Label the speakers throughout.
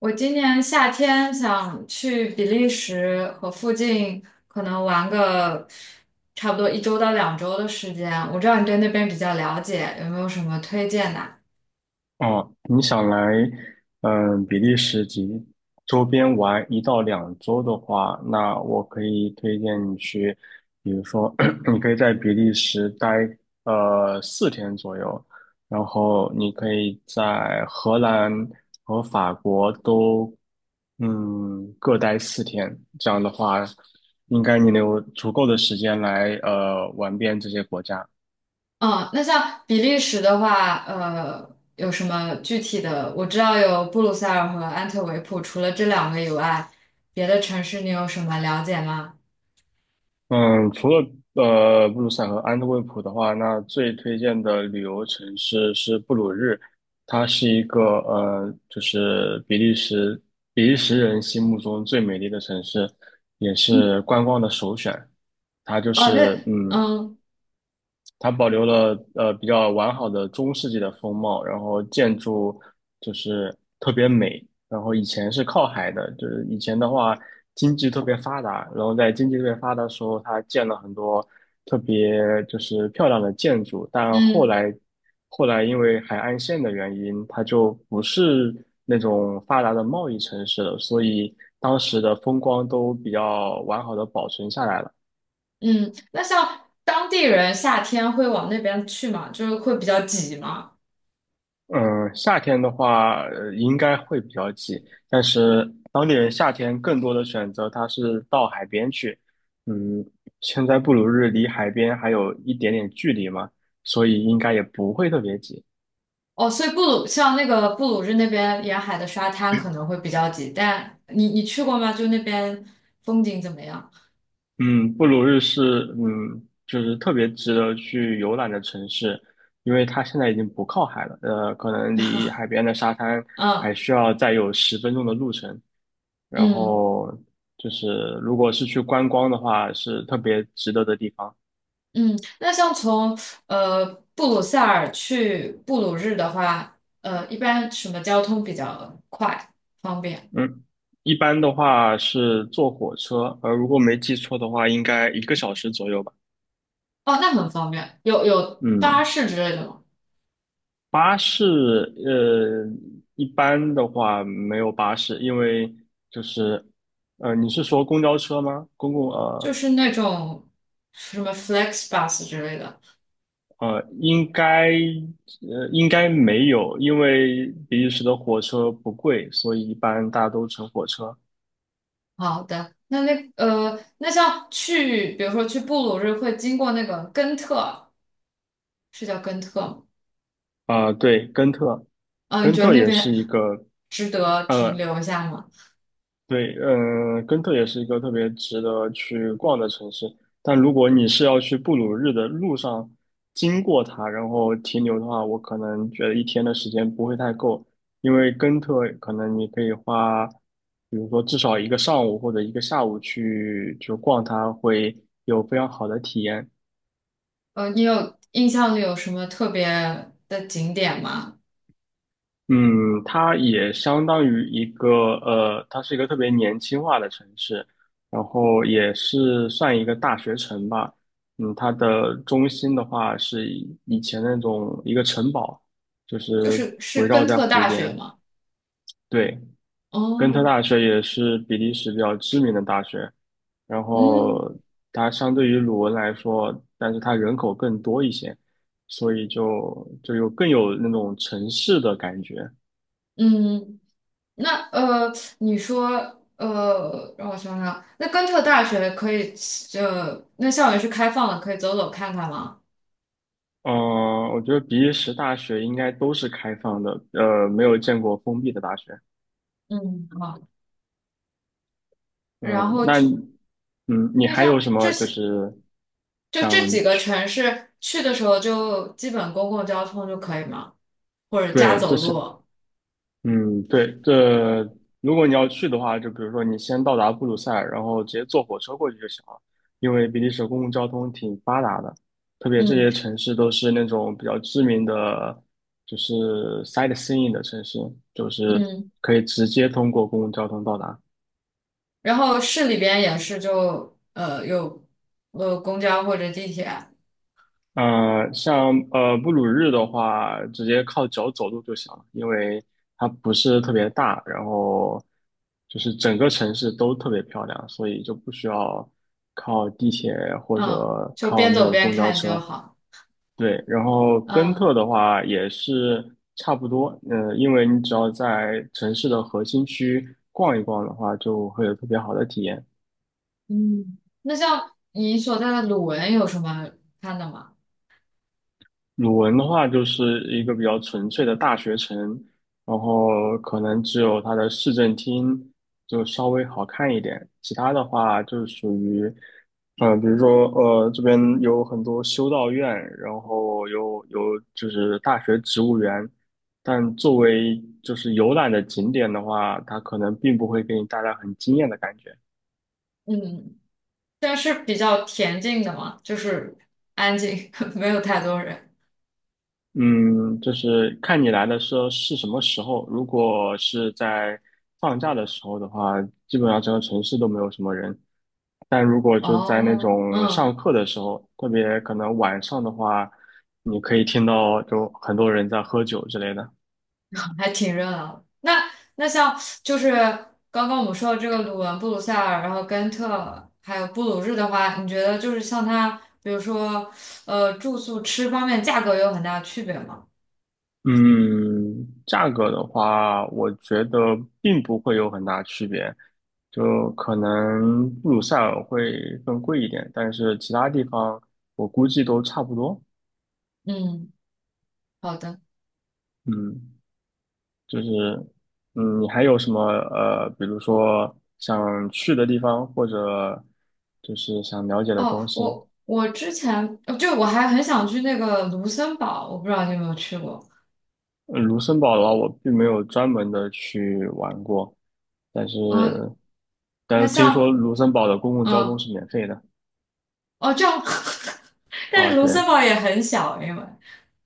Speaker 1: 我今年夏天想去比利时和附近，可能玩个差不多一周到两周的时间。我知道你对那边比较了解，有没有什么推荐的啊？
Speaker 2: 哦，你想来，比利时及周边玩一到两周的话，那我可以推荐你去，比如说，你可以在比利时待4天左右，然后你可以在荷兰和法国都，各待四天。这样的话，应该你能有足够的时间来玩遍这些国家。
Speaker 1: 嗯，那像比利时的话，有什么具体的？我知道有布鲁塞尔和安特卫普，除了这两个以外，别的城市你有什么了解吗？
Speaker 2: 嗯，除了布鲁塞和安特卫普的话，那最推荐的旅游城市是布鲁日，它是一个就是比利时人心目中最美丽的城市，也是观光的首选。它就
Speaker 1: 哦，
Speaker 2: 是
Speaker 1: 那
Speaker 2: 嗯，
Speaker 1: 嗯
Speaker 2: 它保留了比较完好的中世纪的风貌，然后建筑就是特别美。然后以前是靠海的，就是以前的话经济特别发达，然后在经济特别发达的时候，它建了很多特别就是漂亮的建筑，但后
Speaker 1: 嗯
Speaker 2: 来后来因为海岸线的原因，它就不是那种发达的贸易城市了，所以当时的风光都比较完好的保存下来了。
Speaker 1: 嗯，那像当地人夏天会往那边去吗？就是会比较挤吗？
Speaker 2: 嗯，夏天的话，应该会比较挤，但是当地人夏天更多的选择，他是到海边去。嗯，现在布鲁日离海边还有一点点距离嘛，所以应该也不会特别挤。
Speaker 1: 哦，所以布鲁像那个布鲁日那边沿海的沙滩可能会比较挤，但你去过吗？就那边风景怎么样？
Speaker 2: 嗯，布鲁日是就是特别值得去游览的城市，因为它现在已经不靠海了，可能离海边的沙滩还
Speaker 1: 嗯
Speaker 2: 需要再有10分钟的路程。然
Speaker 1: 嗯
Speaker 2: 后就是如果是去观光的话，是特别值得的地方。
Speaker 1: 嗯，那像从呃布鲁塞尔去布鲁日的话，一般什么交通比较快方便？
Speaker 2: 嗯，一般的话是坐火车，如果没记错的话，应该一个小时左右吧。
Speaker 1: 哦，那很方便，有巴
Speaker 2: 嗯，
Speaker 1: 士之类的吗？
Speaker 2: 巴士，呃，一般的话没有巴士，因为就是，你是说公交车吗？公共。
Speaker 1: 就是那种什么 FlexBus 之类的。
Speaker 2: 应该没有，因为比利时的火车不贵，所以一般大家都乘火车。
Speaker 1: 好的，那像去，比如说去布鲁日会经过那个根特，是叫根特吗？
Speaker 2: 啊、对，根特，
Speaker 1: 嗯、你
Speaker 2: 根
Speaker 1: 觉得
Speaker 2: 特
Speaker 1: 那
Speaker 2: 也是
Speaker 1: 边
Speaker 2: 一个，
Speaker 1: 值得停
Speaker 2: 呃，
Speaker 1: 留一下吗？
Speaker 2: 对，根特也是一个特别值得去逛的城市。但如果你是要去布鲁日的路上经过它，然后停留的话，我可能觉得一天的时间不会太够，因为根特可能你可以花，比如说至少一个上午或者一个下午去就逛它，会有非常好的体验。
Speaker 1: 你有印象里有什么特别的景点吗？
Speaker 2: 嗯，它也相当于一个呃，它是一个特别年轻化的城市，然后也是算一个大学城吧。它的中心的话是以前那种一个城堡，就
Speaker 1: 就
Speaker 2: 是
Speaker 1: 是是
Speaker 2: 围绕
Speaker 1: 根
Speaker 2: 在
Speaker 1: 特
Speaker 2: 湖
Speaker 1: 大学
Speaker 2: 边。
Speaker 1: 吗？
Speaker 2: 对，根特
Speaker 1: 哦，
Speaker 2: 大学也是比利时比较知名的大学，然
Speaker 1: 嗯
Speaker 2: 后它相对于鲁汶来说，但是它人口更多一些，所以就有更有那种城市的感觉。
Speaker 1: 嗯，那你说让我想想啊，那根特大学可以那校园是开放的，可以走走看看吗？
Speaker 2: 嗯，我觉得比利时大学应该都是开放的，没有见过封闭的大学。
Speaker 1: 嗯，好。然
Speaker 2: 嗯，
Speaker 1: 后
Speaker 2: 那你嗯，你
Speaker 1: 那
Speaker 2: 还有
Speaker 1: 像
Speaker 2: 什么
Speaker 1: 这
Speaker 2: 就
Speaker 1: 些，
Speaker 2: 是
Speaker 1: 就这
Speaker 2: 想
Speaker 1: 几个
Speaker 2: 去？
Speaker 1: 城市去的时候，就基本公共交通就可以吗？或者加
Speaker 2: 对，这
Speaker 1: 走
Speaker 2: 是
Speaker 1: 路？
Speaker 2: 嗯，对，如果你要去的话，就比如说你先到达布鲁塞尔，然后直接坐火车过去就行了，因为比利时公共交通挺发达的，特别这些
Speaker 1: 嗯
Speaker 2: 城市都是那种比较知名的，就是 sightseeing 的城市，就是
Speaker 1: 嗯。
Speaker 2: 可以直接通过公共交通到达。
Speaker 1: 然后市里边也是就有公交或者地铁，
Speaker 2: 像布鲁日的话，直接靠脚走路就行了，因为它不是特别大，然后就是整个城市都特别漂亮，所以就不需要靠地铁或
Speaker 1: 嗯，
Speaker 2: 者
Speaker 1: 就
Speaker 2: 靠
Speaker 1: 边
Speaker 2: 那
Speaker 1: 走
Speaker 2: 个
Speaker 1: 边
Speaker 2: 公交
Speaker 1: 看就
Speaker 2: 车。
Speaker 1: 好。
Speaker 2: 对，然后根特
Speaker 1: 嗯
Speaker 2: 的话也是差不多，因为你只要在城市的核心区逛一逛的话，就会有特别好的体验。
Speaker 1: 嗯。那像你所在的鲁文有什么看的吗？
Speaker 2: 鲁文的话，就是一个比较纯粹的大学城，然后可能只有它的市政厅就稍微好看一点，其他的话就是属于，比如说这边有很多修道院，然后有就是大学植物园，但作为就是游览的景点的话，它可能并不会给你带来很惊艳的感觉。
Speaker 1: 嗯，但是比较恬静的嘛，就是安静，没有太多人。
Speaker 2: 嗯，就是看你来的时候是什么时候。如果是在放假的时候的话，基本上整个城市都没有什么人。但如果就在那
Speaker 1: 哦，
Speaker 2: 种
Speaker 1: 嗯。
Speaker 2: 上课的时候，特别可能晚上的话，你可以听到就很多人在喝酒之类的。
Speaker 1: 还挺热闹的。那像就是刚刚我们说的这个鲁文、布鲁塞尔，然后根特，还有布鲁日的话，你觉得就是像它，比如说住宿、吃方面，价格有很大的区别吗？
Speaker 2: 嗯，价格的话，我觉得并不会有很大区别，就可能布鲁塞尔会更贵一点，但是其他地方我估计都差不多。
Speaker 1: 嗯，好的。
Speaker 2: 嗯。就是，你还有什么比如说想去的地方，或者就是想了解的
Speaker 1: 哦，
Speaker 2: 东西？
Speaker 1: 我之前就我还很想去那个卢森堡，我不知道你有没有去过。
Speaker 2: 卢森堡的话，我并没有专门的去玩过，但是
Speaker 1: 呃，那
Speaker 2: 听说
Speaker 1: 像
Speaker 2: 卢森堡的公共交通
Speaker 1: 嗯
Speaker 2: 是免费的
Speaker 1: 哦这样，但
Speaker 2: 啊，
Speaker 1: 是卢
Speaker 2: 对，
Speaker 1: 森堡也很小，因为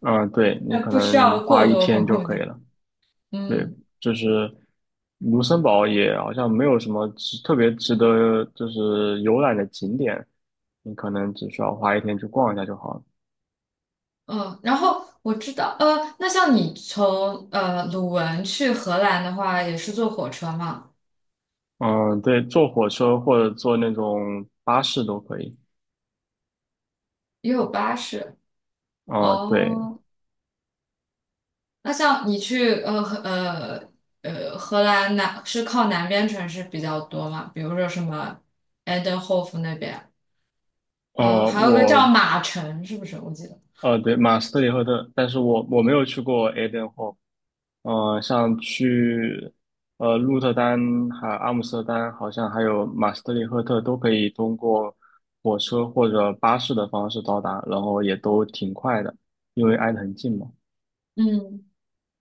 Speaker 2: 啊，对，你
Speaker 1: 呃
Speaker 2: 可
Speaker 1: 不需
Speaker 2: 能
Speaker 1: 要
Speaker 2: 花
Speaker 1: 过
Speaker 2: 一
Speaker 1: 多
Speaker 2: 天
Speaker 1: 公
Speaker 2: 就
Speaker 1: 共
Speaker 2: 可
Speaker 1: 交
Speaker 2: 以
Speaker 1: 通。
Speaker 2: 了。对，
Speaker 1: 嗯。
Speaker 2: 就是卢森堡也好像没有什么值特别值得就是游览的景点，你可能只需要花一天去逛一下就好了。
Speaker 1: 嗯，然后我知道，那像你从鲁汶去荷兰的话，也是坐火车嘛，
Speaker 2: 嗯，对，坐火车或者坐那种巴士都可以。
Speaker 1: 也有巴士。
Speaker 2: 啊、对，
Speaker 1: 哦，那像你去荷兰南是靠南边城市比较多嘛，比如说什么 e i n d h o v 那边，还有
Speaker 2: 呃，
Speaker 1: 还有个叫
Speaker 2: 我
Speaker 1: 马城，是不是？我记得，
Speaker 2: 对，马斯特里赫特，但是我没有去过 a i d e n h o 像去鹿特丹还有阿姆斯特丹，好像还有马斯特里赫特，都可以通过火车或者巴士的方式到达，然后也都挺快的，因为挨得很近嘛。
Speaker 1: 嗯，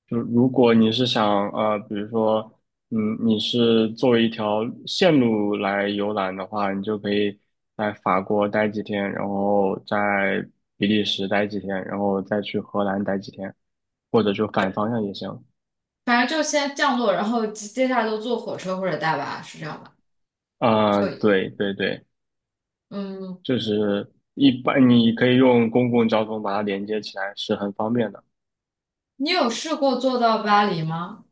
Speaker 2: 就如果你是想比如说，你是作为一条线路来游览的话，你就可以在法国待几天，然后在比利时待几天，然后再去荷兰待几天，或者就反
Speaker 1: 就
Speaker 2: 方向也行。
Speaker 1: 反正就先降落，然后接下来都坐火车或者大巴，是这样吧？
Speaker 2: 啊、对对对，
Speaker 1: 嗯，
Speaker 2: 就是一般你可以用公共交通把它连接起来，是很方便的。
Speaker 1: 你有试过坐到巴黎吗？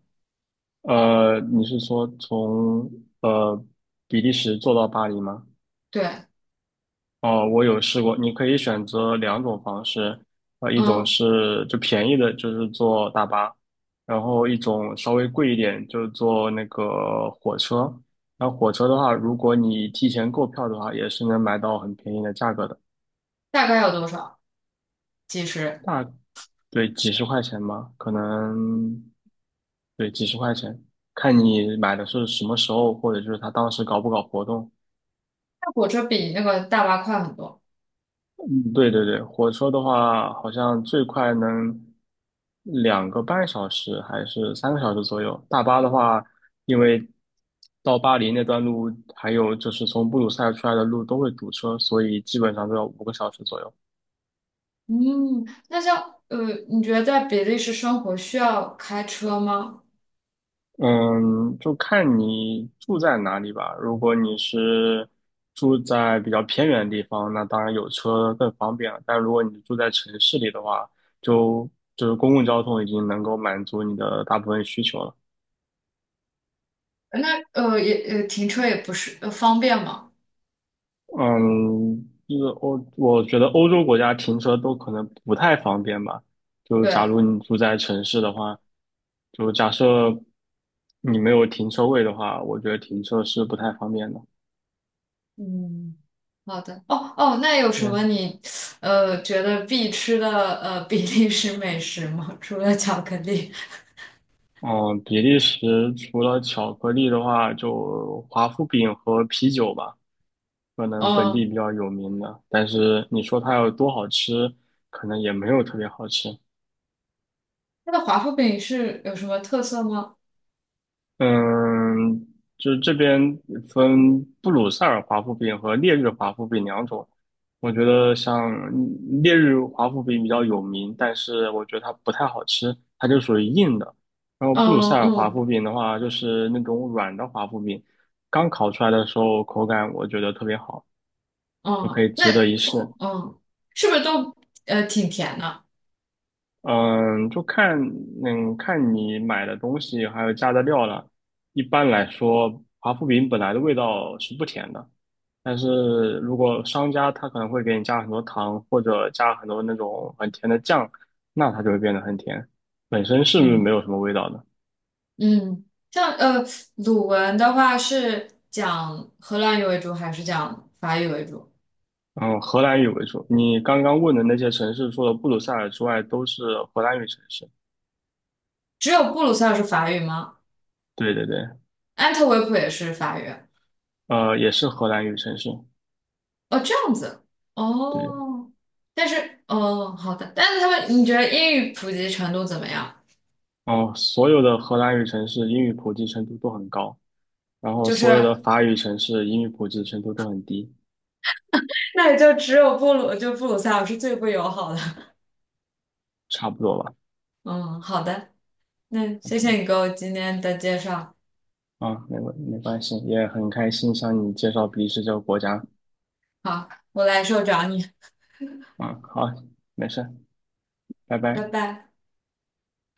Speaker 2: 你是说从呃比利时坐到巴黎吗？
Speaker 1: 对。
Speaker 2: 哦，我有试过，你可以选择两种方式，一种
Speaker 1: 嗯。
Speaker 2: 是就便宜的，就是坐大巴，然后一种稍微贵一点，就是坐那个火车。然后火车的话，如果你提前购票的话，也是能买到很便宜的价格的，
Speaker 1: 大概有多少？几十？
Speaker 2: 大，对，几十块钱吧，可能，对，几十块钱，看你买的是什么时候，或者就是他当时搞不搞活动。
Speaker 1: 那火车比那个大巴快很多。
Speaker 2: 嗯，对对对，火车的话，好像最快能2个半小时还是3个小时左右。大巴的话，因为到巴黎那段路，还有就是从布鲁塞尔出来的路都会堵车，所以基本上都要5个小时左右。
Speaker 1: 嗯，那像呃，你觉得在比利时生活需要开车吗？
Speaker 2: 嗯，就看你住在哪里吧。如果你是住在比较偏远的地方，那当然有车更方便了。但如果你住在城市里的话，就就是公共交通已经能够满足你的大部分需求了。
Speaker 1: 那也停车也不是方便吗？
Speaker 2: 嗯，就是欧，我觉得欧洲国家停车都可能不太方便吧。就假
Speaker 1: 对，
Speaker 2: 如你住在城市的话，就假设你没有停车位的话，我觉得停车是不太方便的。
Speaker 1: 嗯，好的。哦哦，那有什
Speaker 2: 对，
Speaker 1: 么你觉得必吃的比利时美食吗？除了巧克力，
Speaker 2: 嗯，比利时除了巧克力的话，就华夫饼和啤酒吧，可能本地
Speaker 1: 嗯，
Speaker 2: 比较有名的。但是你说它有多好吃，可能也没有特别好吃。
Speaker 1: 它的华夫饼是有什么特色吗？
Speaker 2: 嗯，就这边分布鲁塞尔华夫饼和烈日华夫饼两种。我觉得像烈日华夫饼比较有名，但是我觉得它不太好吃，它就属于硬的。然后布鲁
Speaker 1: 嗯
Speaker 2: 塞尔华夫
Speaker 1: 嗯
Speaker 2: 饼的话，就是那种软的华夫饼，刚烤出来的时候口感我觉得特别好，就可
Speaker 1: 嗯，
Speaker 2: 以
Speaker 1: 那
Speaker 2: 值得一试。
Speaker 1: 嗯是不是都挺甜的？
Speaker 2: 嗯，就看你买的东西还有加的料了。一般来说，华夫饼本来的味道是不甜的，但是如果商家他可能会给你加很多糖或者加很多那种很甜的酱，那它就会变得很甜，本身是没
Speaker 1: 嗯。
Speaker 2: 有什么味道的。
Speaker 1: 嗯，像鲁文的话是讲荷兰语为主还是讲法语为主？
Speaker 2: 嗯，荷兰语为主。你刚刚问的那些城市，除了布鲁塞尔之外，都是荷兰语城市。
Speaker 1: 只有布鲁塞尔是法语吗？
Speaker 2: 对对对，
Speaker 1: 安特卫普也是法语？
Speaker 2: 也是荷兰语城市。
Speaker 1: 哦，这样子。
Speaker 2: 对。
Speaker 1: 哦，但是哦，好的，但是他们，你觉得英语普及程度怎么样？
Speaker 2: 哦，所有的荷兰语城市英语普及程度都很高，然后
Speaker 1: 就
Speaker 2: 所有
Speaker 1: 是
Speaker 2: 的 法语城市英语普及程度都很低，
Speaker 1: 那也就只有布鲁，就布鲁塞尔是最不友好的。
Speaker 2: 差不多吧。
Speaker 1: 嗯，好的，那谢谢
Speaker 2: OK，
Speaker 1: 你给我今天的介绍。
Speaker 2: 啊，没关系，也很开心向你介绍比利时这个国家。
Speaker 1: 好，我来受找你，
Speaker 2: 嗯，好，没事，拜
Speaker 1: 拜
Speaker 2: 拜。
Speaker 1: 拜。